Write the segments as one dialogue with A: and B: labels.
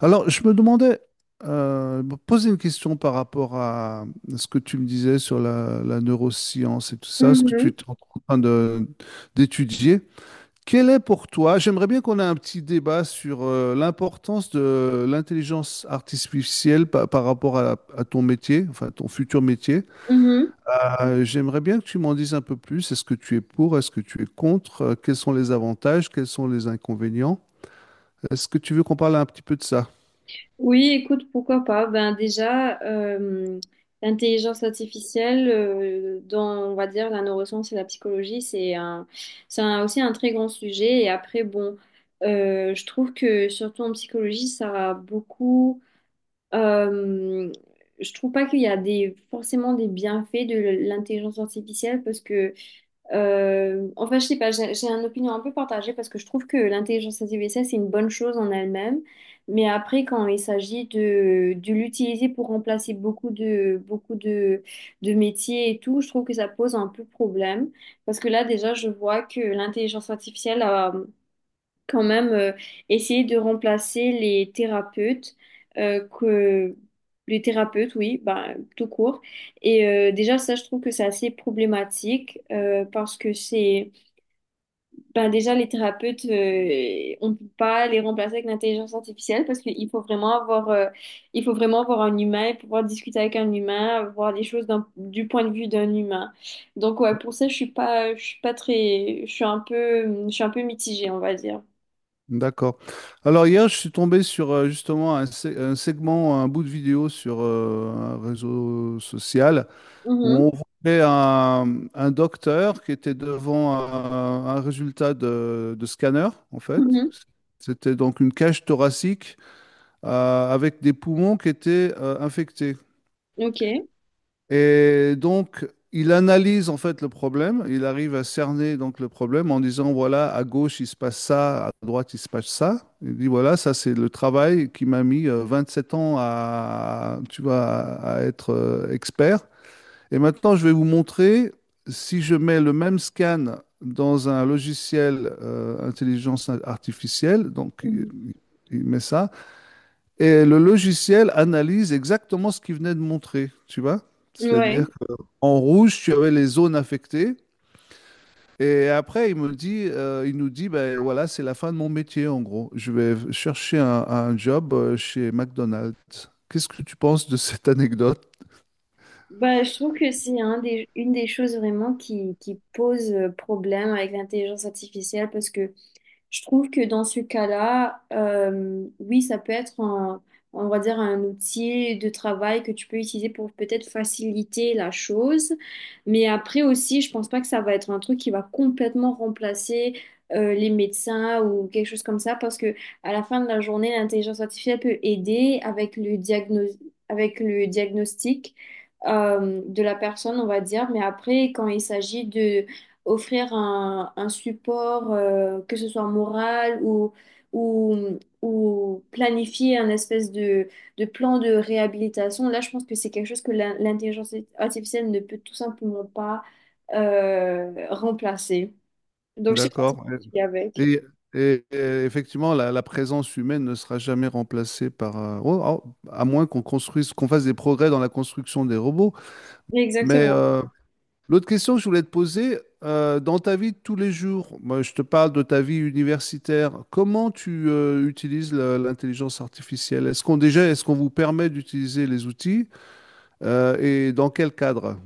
A: Alors, je me demandais, me poser une question par rapport à ce que tu me disais sur la neuroscience et tout ça, ce que tu es
B: Mhm,
A: en train d'étudier. Quel est pour toi, j'aimerais bien qu'on ait un petit débat sur l'importance de l'intelligence artificielle par, rapport à ton métier, enfin ton futur métier.
B: mhm.
A: J'aimerais bien que tu m'en dises un peu plus. Est-ce que tu es pour? Est-ce que tu es contre? Quels sont les avantages? Quels sont les inconvénients? Est-ce que tu veux qu'on parle un petit peu de ça?
B: Oui, écoute, pourquoi pas? Ben déjà, l'intelligence artificielle, dans, on va dire, la neuroscience et la psychologie, aussi un très grand sujet. Et après, bon, je trouve que surtout en psychologie, ça a beaucoup. euh, je trouve pas qu'il y a forcément des bienfaits de l'intelligence artificielle parce que enfin, je sais pas, j'ai une opinion un peu partagée parce que je trouve que l'intelligence artificielle, c'est une bonne chose en elle-même. Mais après, quand il s'agit de l'utiliser pour remplacer beaucoup de métiers et tout, je trouve que ça pose un peu problème. Parce que là, déjà, je vois que l'intelligence artificielle, quand même essayer de remplacer les thérapeutes que les thérapeutes, oui, bah, tout court. Et déjà ça, je trouve que c'est assez problématique, parce que c'est, ben, déjà les thérapeutes, on peut pas les remplacer avec l'intelligence artificielle parce qu'il faut vraiment avoir il faut vraiment avoir un humain et pouvoir discuter avec un humain, voir les choses du point de vue d'un humain. Donc ouais, pour ça, je suis pas très je suis un peu je suis un peu mitigée, on va dire.
A: D'accord. Alors hier, je suis tombé sur justement un segment, un bout de vidéo sur un réseau social où on voyait un docteur qui était devant un résultat de scanner, en fait.
B: Mhm.
A: C'était donc une cage thoracique avec des poumons qui étaient infectés.
B: Ok.
A: Et donc, il analyse en fait le problème, il arrive à cerner donc le problème en disant, voilà, à gauche, il se passe ça, à droite, il se passe ça. Il dit, voilà, ça, c'est le travail qui m'a mis 7 ans à, tu vois, à être expert. Et maintenant, je vais vous montrer, si je mets le même scan dans un logiciel intelligence artificielle, donc il
B: Mhm.
A: il met ça, et le logiciel analyse exactement ce qu'il venait de montrer, tu vois?
B: Ouais.
A: C'est-à-dire en rouge, tu avais les zones affectées. Et après, il me dit, il nous dit, ben voilà, c'est la fin de mon métier, en gros. Je vais chercher un job chez McDonald's. Qu'est-ce que tu penses de cette anecdote?
B: Bah, je trouve que c'est une des choses vraiment qui pose, problème avec l'intelligence artificielle parce que je trouve que dans ce cas-là, oui, ça peut être on va dire un outil de travail que tu peux utiliser pour peut-être faciliter la chose. Mais après aussi, je pense pas que ça va être un truc qui va complètement remplacer les médecins ou quelque chose comme ça, parce que à la fin de la journée, l'intelligence artificielle peut aider avec avec le diagnostic de la personne, on va dire, mais après, quand il s'agit de offrir un support, que ce soit moral ou planifier un espèce de plan de réhabilitation. Là, je pense que c'est quelque chose que l'intelligence artificielle ne peut tout simplement pas remplacer. Donc, je sais pas si
A: D'accord.
B: je suis avec.
A: Et, et effectivement, la présence humaine ne sera jamais remplacée par, oh, oh, à moins qu'on construise, qu'on fasse des progrès dans la construction des robots. Mais
B: Exactement.
A: l'autre question que je voulais te poser, dans ta vie de tous les jours, moi, je te parle de ta vie universitaire, comment tu utilises l'intelligence artificielle? Est-ce qu'on déjà, est-ce qu'on vous permet d'utiliser les outils et dans quel cadre?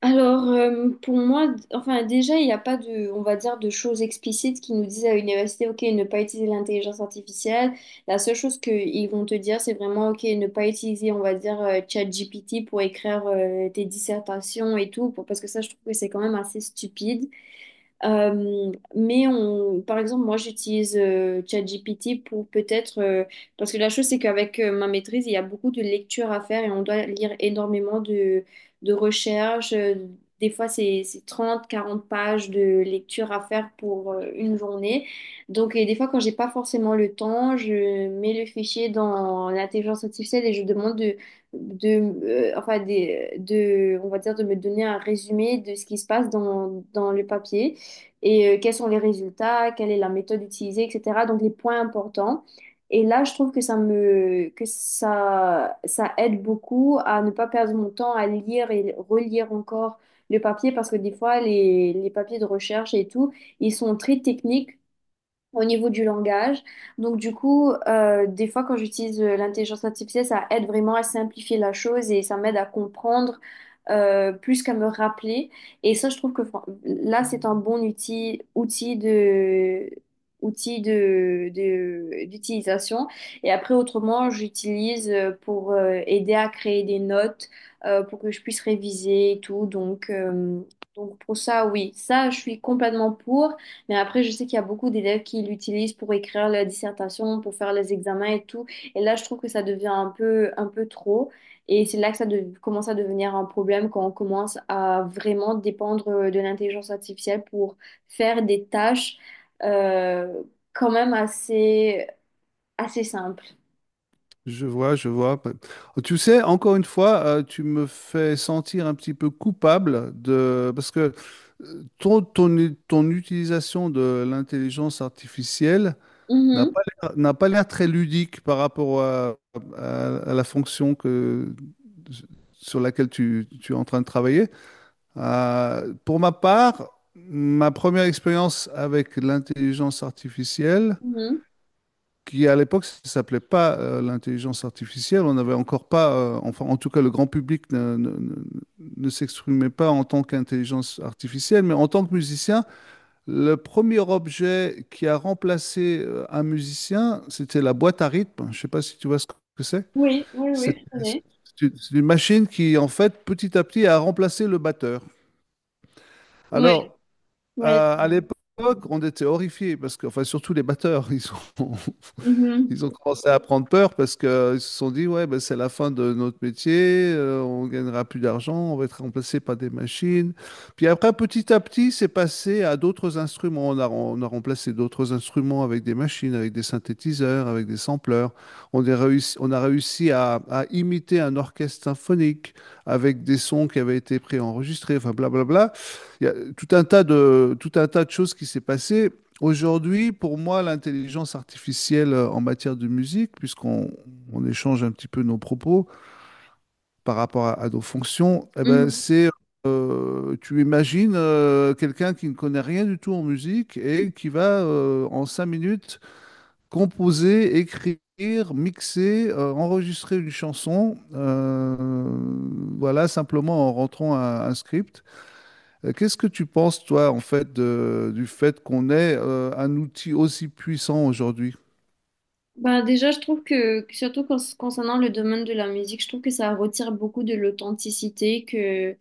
B: Alors, pour moi, enfin, déjà, il n'y a pas de, on va dire, de choses explicites qui nous disent à l'université, OK, ne pas utiliser l'intelligence artificielle. La seule chose qu'ils vont te dire, c'est vraiment, OK, ne pas utiliser, on va dire, ChatGPT pour écrire tes dissertations et tout, parce que ça, je trouve que c'est quand même assez stupide. Mais on, par exemple, moi, j'utilise ChatGPT pour peut-être, parce que la chose, c'est qu'avec ma maîtrise, il y a beaucoup de lectures à faire et on doit lire énormément de recherches. Des fois, c'est 30, 40 pages de lecture à faire pour une journée. Donc, et des fois, quand j'ai pas forcément le temps, je mets le fichier dans l'intelligence artificielle et je demande de, enfin, on va dire, de me donner un résumé de ce qui se passe dans le papier et quels sont les résultats, quelle est la méthode utilisée, etc. Donc les points importants. Et là, je trouve que ça me, que ça aide beaucoup à ne pas perdre mon temps à lire et relire encore le papier parce que des fois, les papiers de recherche et tout, ils sont très techniques au niveau du langage. Donc du coup, des fois quand j'utilise l'intelligence artificielle, ça aide vraiment à simplifier la chose et ça m'aide à comprendre plus qu'à me rappeler. Et ça, je trouve que là, c'est un bon d'utilisation. Et après, autrement, j'utilise pour aider à créer des notes, pour que je puisse réviser et tout. Donc pour ça, oui, ça, je suis complètement pour. Mais après, je sais qu'il y a beaucoup d'élèves qui l'utilisent pour écrire leur dissertation, pour faire les examens et tout. Et là, je trouve que ça devient un peu trop. Et c'est là que ça commence à devenir un problème quand on commence à vraiment dépendre de l'intelligence artificielle pour faire des tâches euh, quand même assez simples.
A: Je vois, je vois. Tu sais, encore une fois, tu me fais sentir un petit peu coupable de parce que ton utilisation de l'intelligence artificielle n'a
B: Mhm,
A: pas l'air, n'a pas l'air très ludique par rapport à, à la fonction que, sur laquelle tu, tu es en train de travailler. Pour ma part, ma première expérience avec l'intelligence artificielle,
B: mhm.
A: qui à l'époque ça s'appelait pas l'intelligence artificielle, on n'avait encore pas, enfin en tout cas le grand public ne s'exprimait pas en tant qu'intelligence artificielle, mais en tant que musicien, le premier objet qui a remplacé un musicien, c'était la boîte à rythme. Je ne sais pas si tu vois ce que c'est.
B: Oui, oui, oui,
A: C'est
B: je connais.
A: c'est une machine qui, en fait, petit à petit, a remplacé le batteur.
B: Oui,
A: Alors,
B: oui.
A: à l'époque, on était horrifiés parce que, enfin, surtout les batteurs, ils sont,
B: Mhm,
A: ils ont commencé à prendre peur parce qu'ils se sont dit, ouais, ben, c'est la fin de notre métier, on gagnera plus d'argent, on va être remplacé par des machines. Puis après, petit à petit, c'est passé à d'autres instruments. On a remplacé d'autres instruments avec des machines, avec des synthétiseurs, avec des sampleurs. On a réussi à imiter un orchestre symphonique avec des sons qui avaient été préenregistrés, enfin, blablabla. Il y a tout un tas de choses qui s'est passé. Aujourd'hui, pour moi, l'intelligence artificielle en matière de musique, puisqu'on on échange un petit peu nos propos par rapport à nos fonctions, eh ben,
B: mhm.
A: c'est, tu imagines quelqu'un qui ne connaît rien du tout en musique et qui va en 5 minutes composer, écrire, mixer, enregistrer une chanson, voilà, simplement en rentrant un script. Qu'est-ce que tu penses, toi, en fait, du fait qu'on ait un outil aussi puissant aujourd'hui?
B: Bah déjà, je trouve que, surtout concernant le domaine de la musique, je trouve que ça retire beaucoup de l'authenticité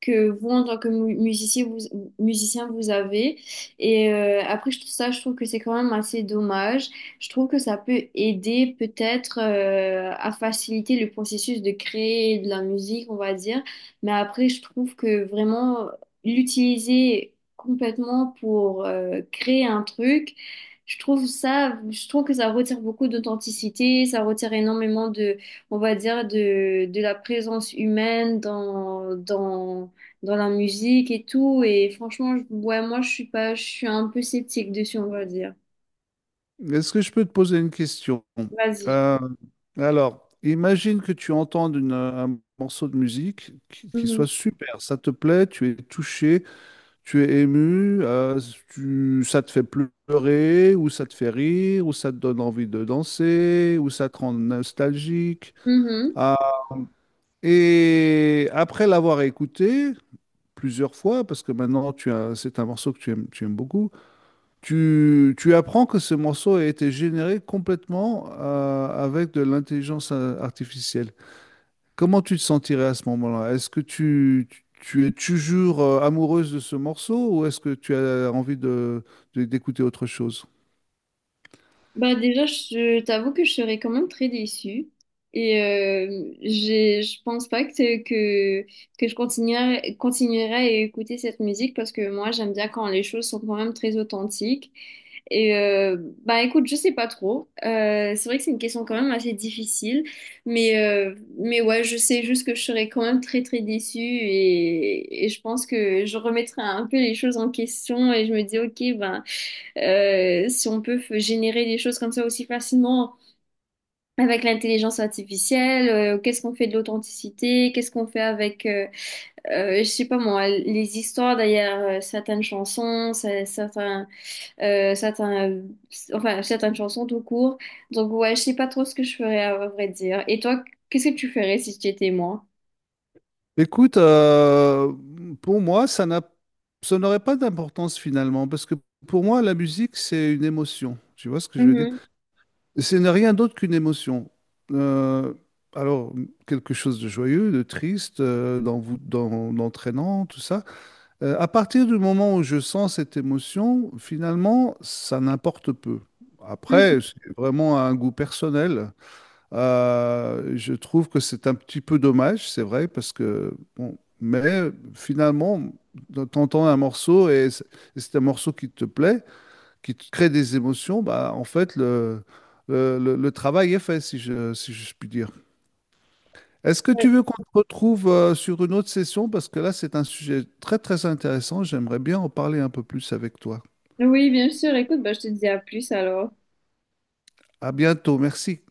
B: que vous, en tant que musicien, musicien, vous avez. Et après, je trouve que c'est quand même assez dommage. Je trouve que ça peut aider peut-être à faciliter le processus de créer de la musique, on va dire. Mais après, je trouve que vraiment l'utiliser complètement pour créer un truc, je trouve que ça retire beaucoup d'authenticité, ça retire énormément de, on va dire, de la présence humaine dans la musique et tout. Et franchement, ouais, moi, je suis pas, je suis un peu sceptique dessus, on va dire.
A: Est-ce que je peux te poser une question?
B: Vas-y.
A: Euh, alors, imagine que tu entends un morceau de musique qui soit
B: Mhm.
A: super, ça te plaît, tu es touché, tu es ému, tu- ça te fait pleurer, ou ça te fait rire, ou ça te donne envie de danser, ou ça te rend nostalgique.
B: Mhm.
A: Ah, et après l'avoir écouté, plusieurs fois, parce que maintenant tu as, c'est un morceau que tu aimes beaucoup, tu apprends que ce morceau a été généré complètement avec de l'intelligence artificielle. Comment tu te sentirais à ce moment-là? Est-ce que tu, tu es toujours amoureuse de ce morceau ou est-ce que tu as envie de, d'écouter autre chose?
B: Bah déjà, je t'avoue que je serais quand même très déçue. Et je pense pas que continuerai à écouter cette musique parce que moi, j'aime bien quand les choses sont quand même très authentiques. Et bah écoute, je sais pas trop. C'est vrai que c'est une question quand même assez difficile. Mais ouais, je sais juste que je serais quand même très très déçue et je pense que je remettrai un peu les choses en question et je me dis, ok, ben. Si on peut générer des choses comme ça aussi facilement avec l'intelligence artificielle, qu'est-ce qu'on fait de l'authenticité, qu'est-ce qu'on fait avec, je sais pas moi, les histoires derrière certaines chansons, euh, certains, euh, enfin certaines chansons tout court. Donc ouais, je sais pas trop ce que je ferais à vrai dire. Et toi, qu'est-ce que tu ferais si tu étais moi?
A: Écoute, pour moi, ça n'a, ça n'aurait pas d'importance finalement, parce que pour moi, la musique, c'est une émotion. Tu vois ce que je veux dire?
B: Mhm.
A: Ce n'est rien d'autre qu'une émotion. Euh, alors, quelque chose de joyeux, de triste, d'entraînant, tout ça. À partir du moment où je sens cette émotion, finalement, ça n'importe peu.
B: Donc,
A: Après, c'est vraiment un goût personnel. Je trouve que c'est un petit peu dommage, c'est vrai, parce que, bon, mais finalement, t'entends un morceau et c'est un morceau qui te plaît qui te crée des émotions, bah, en fait, le travail est fait, si si je puis dire. Est-ce que
B: euh,
A: tu veux qu'on te retrouve sur une autre session? Parce que là, c'est un sujet très, très intéressant. J'aimerais bien en parler un peu plus avec toi.
B: Oui, bien sûr. Écoute, bah, je te dis à plus alors.
A: À bientôt. Merci.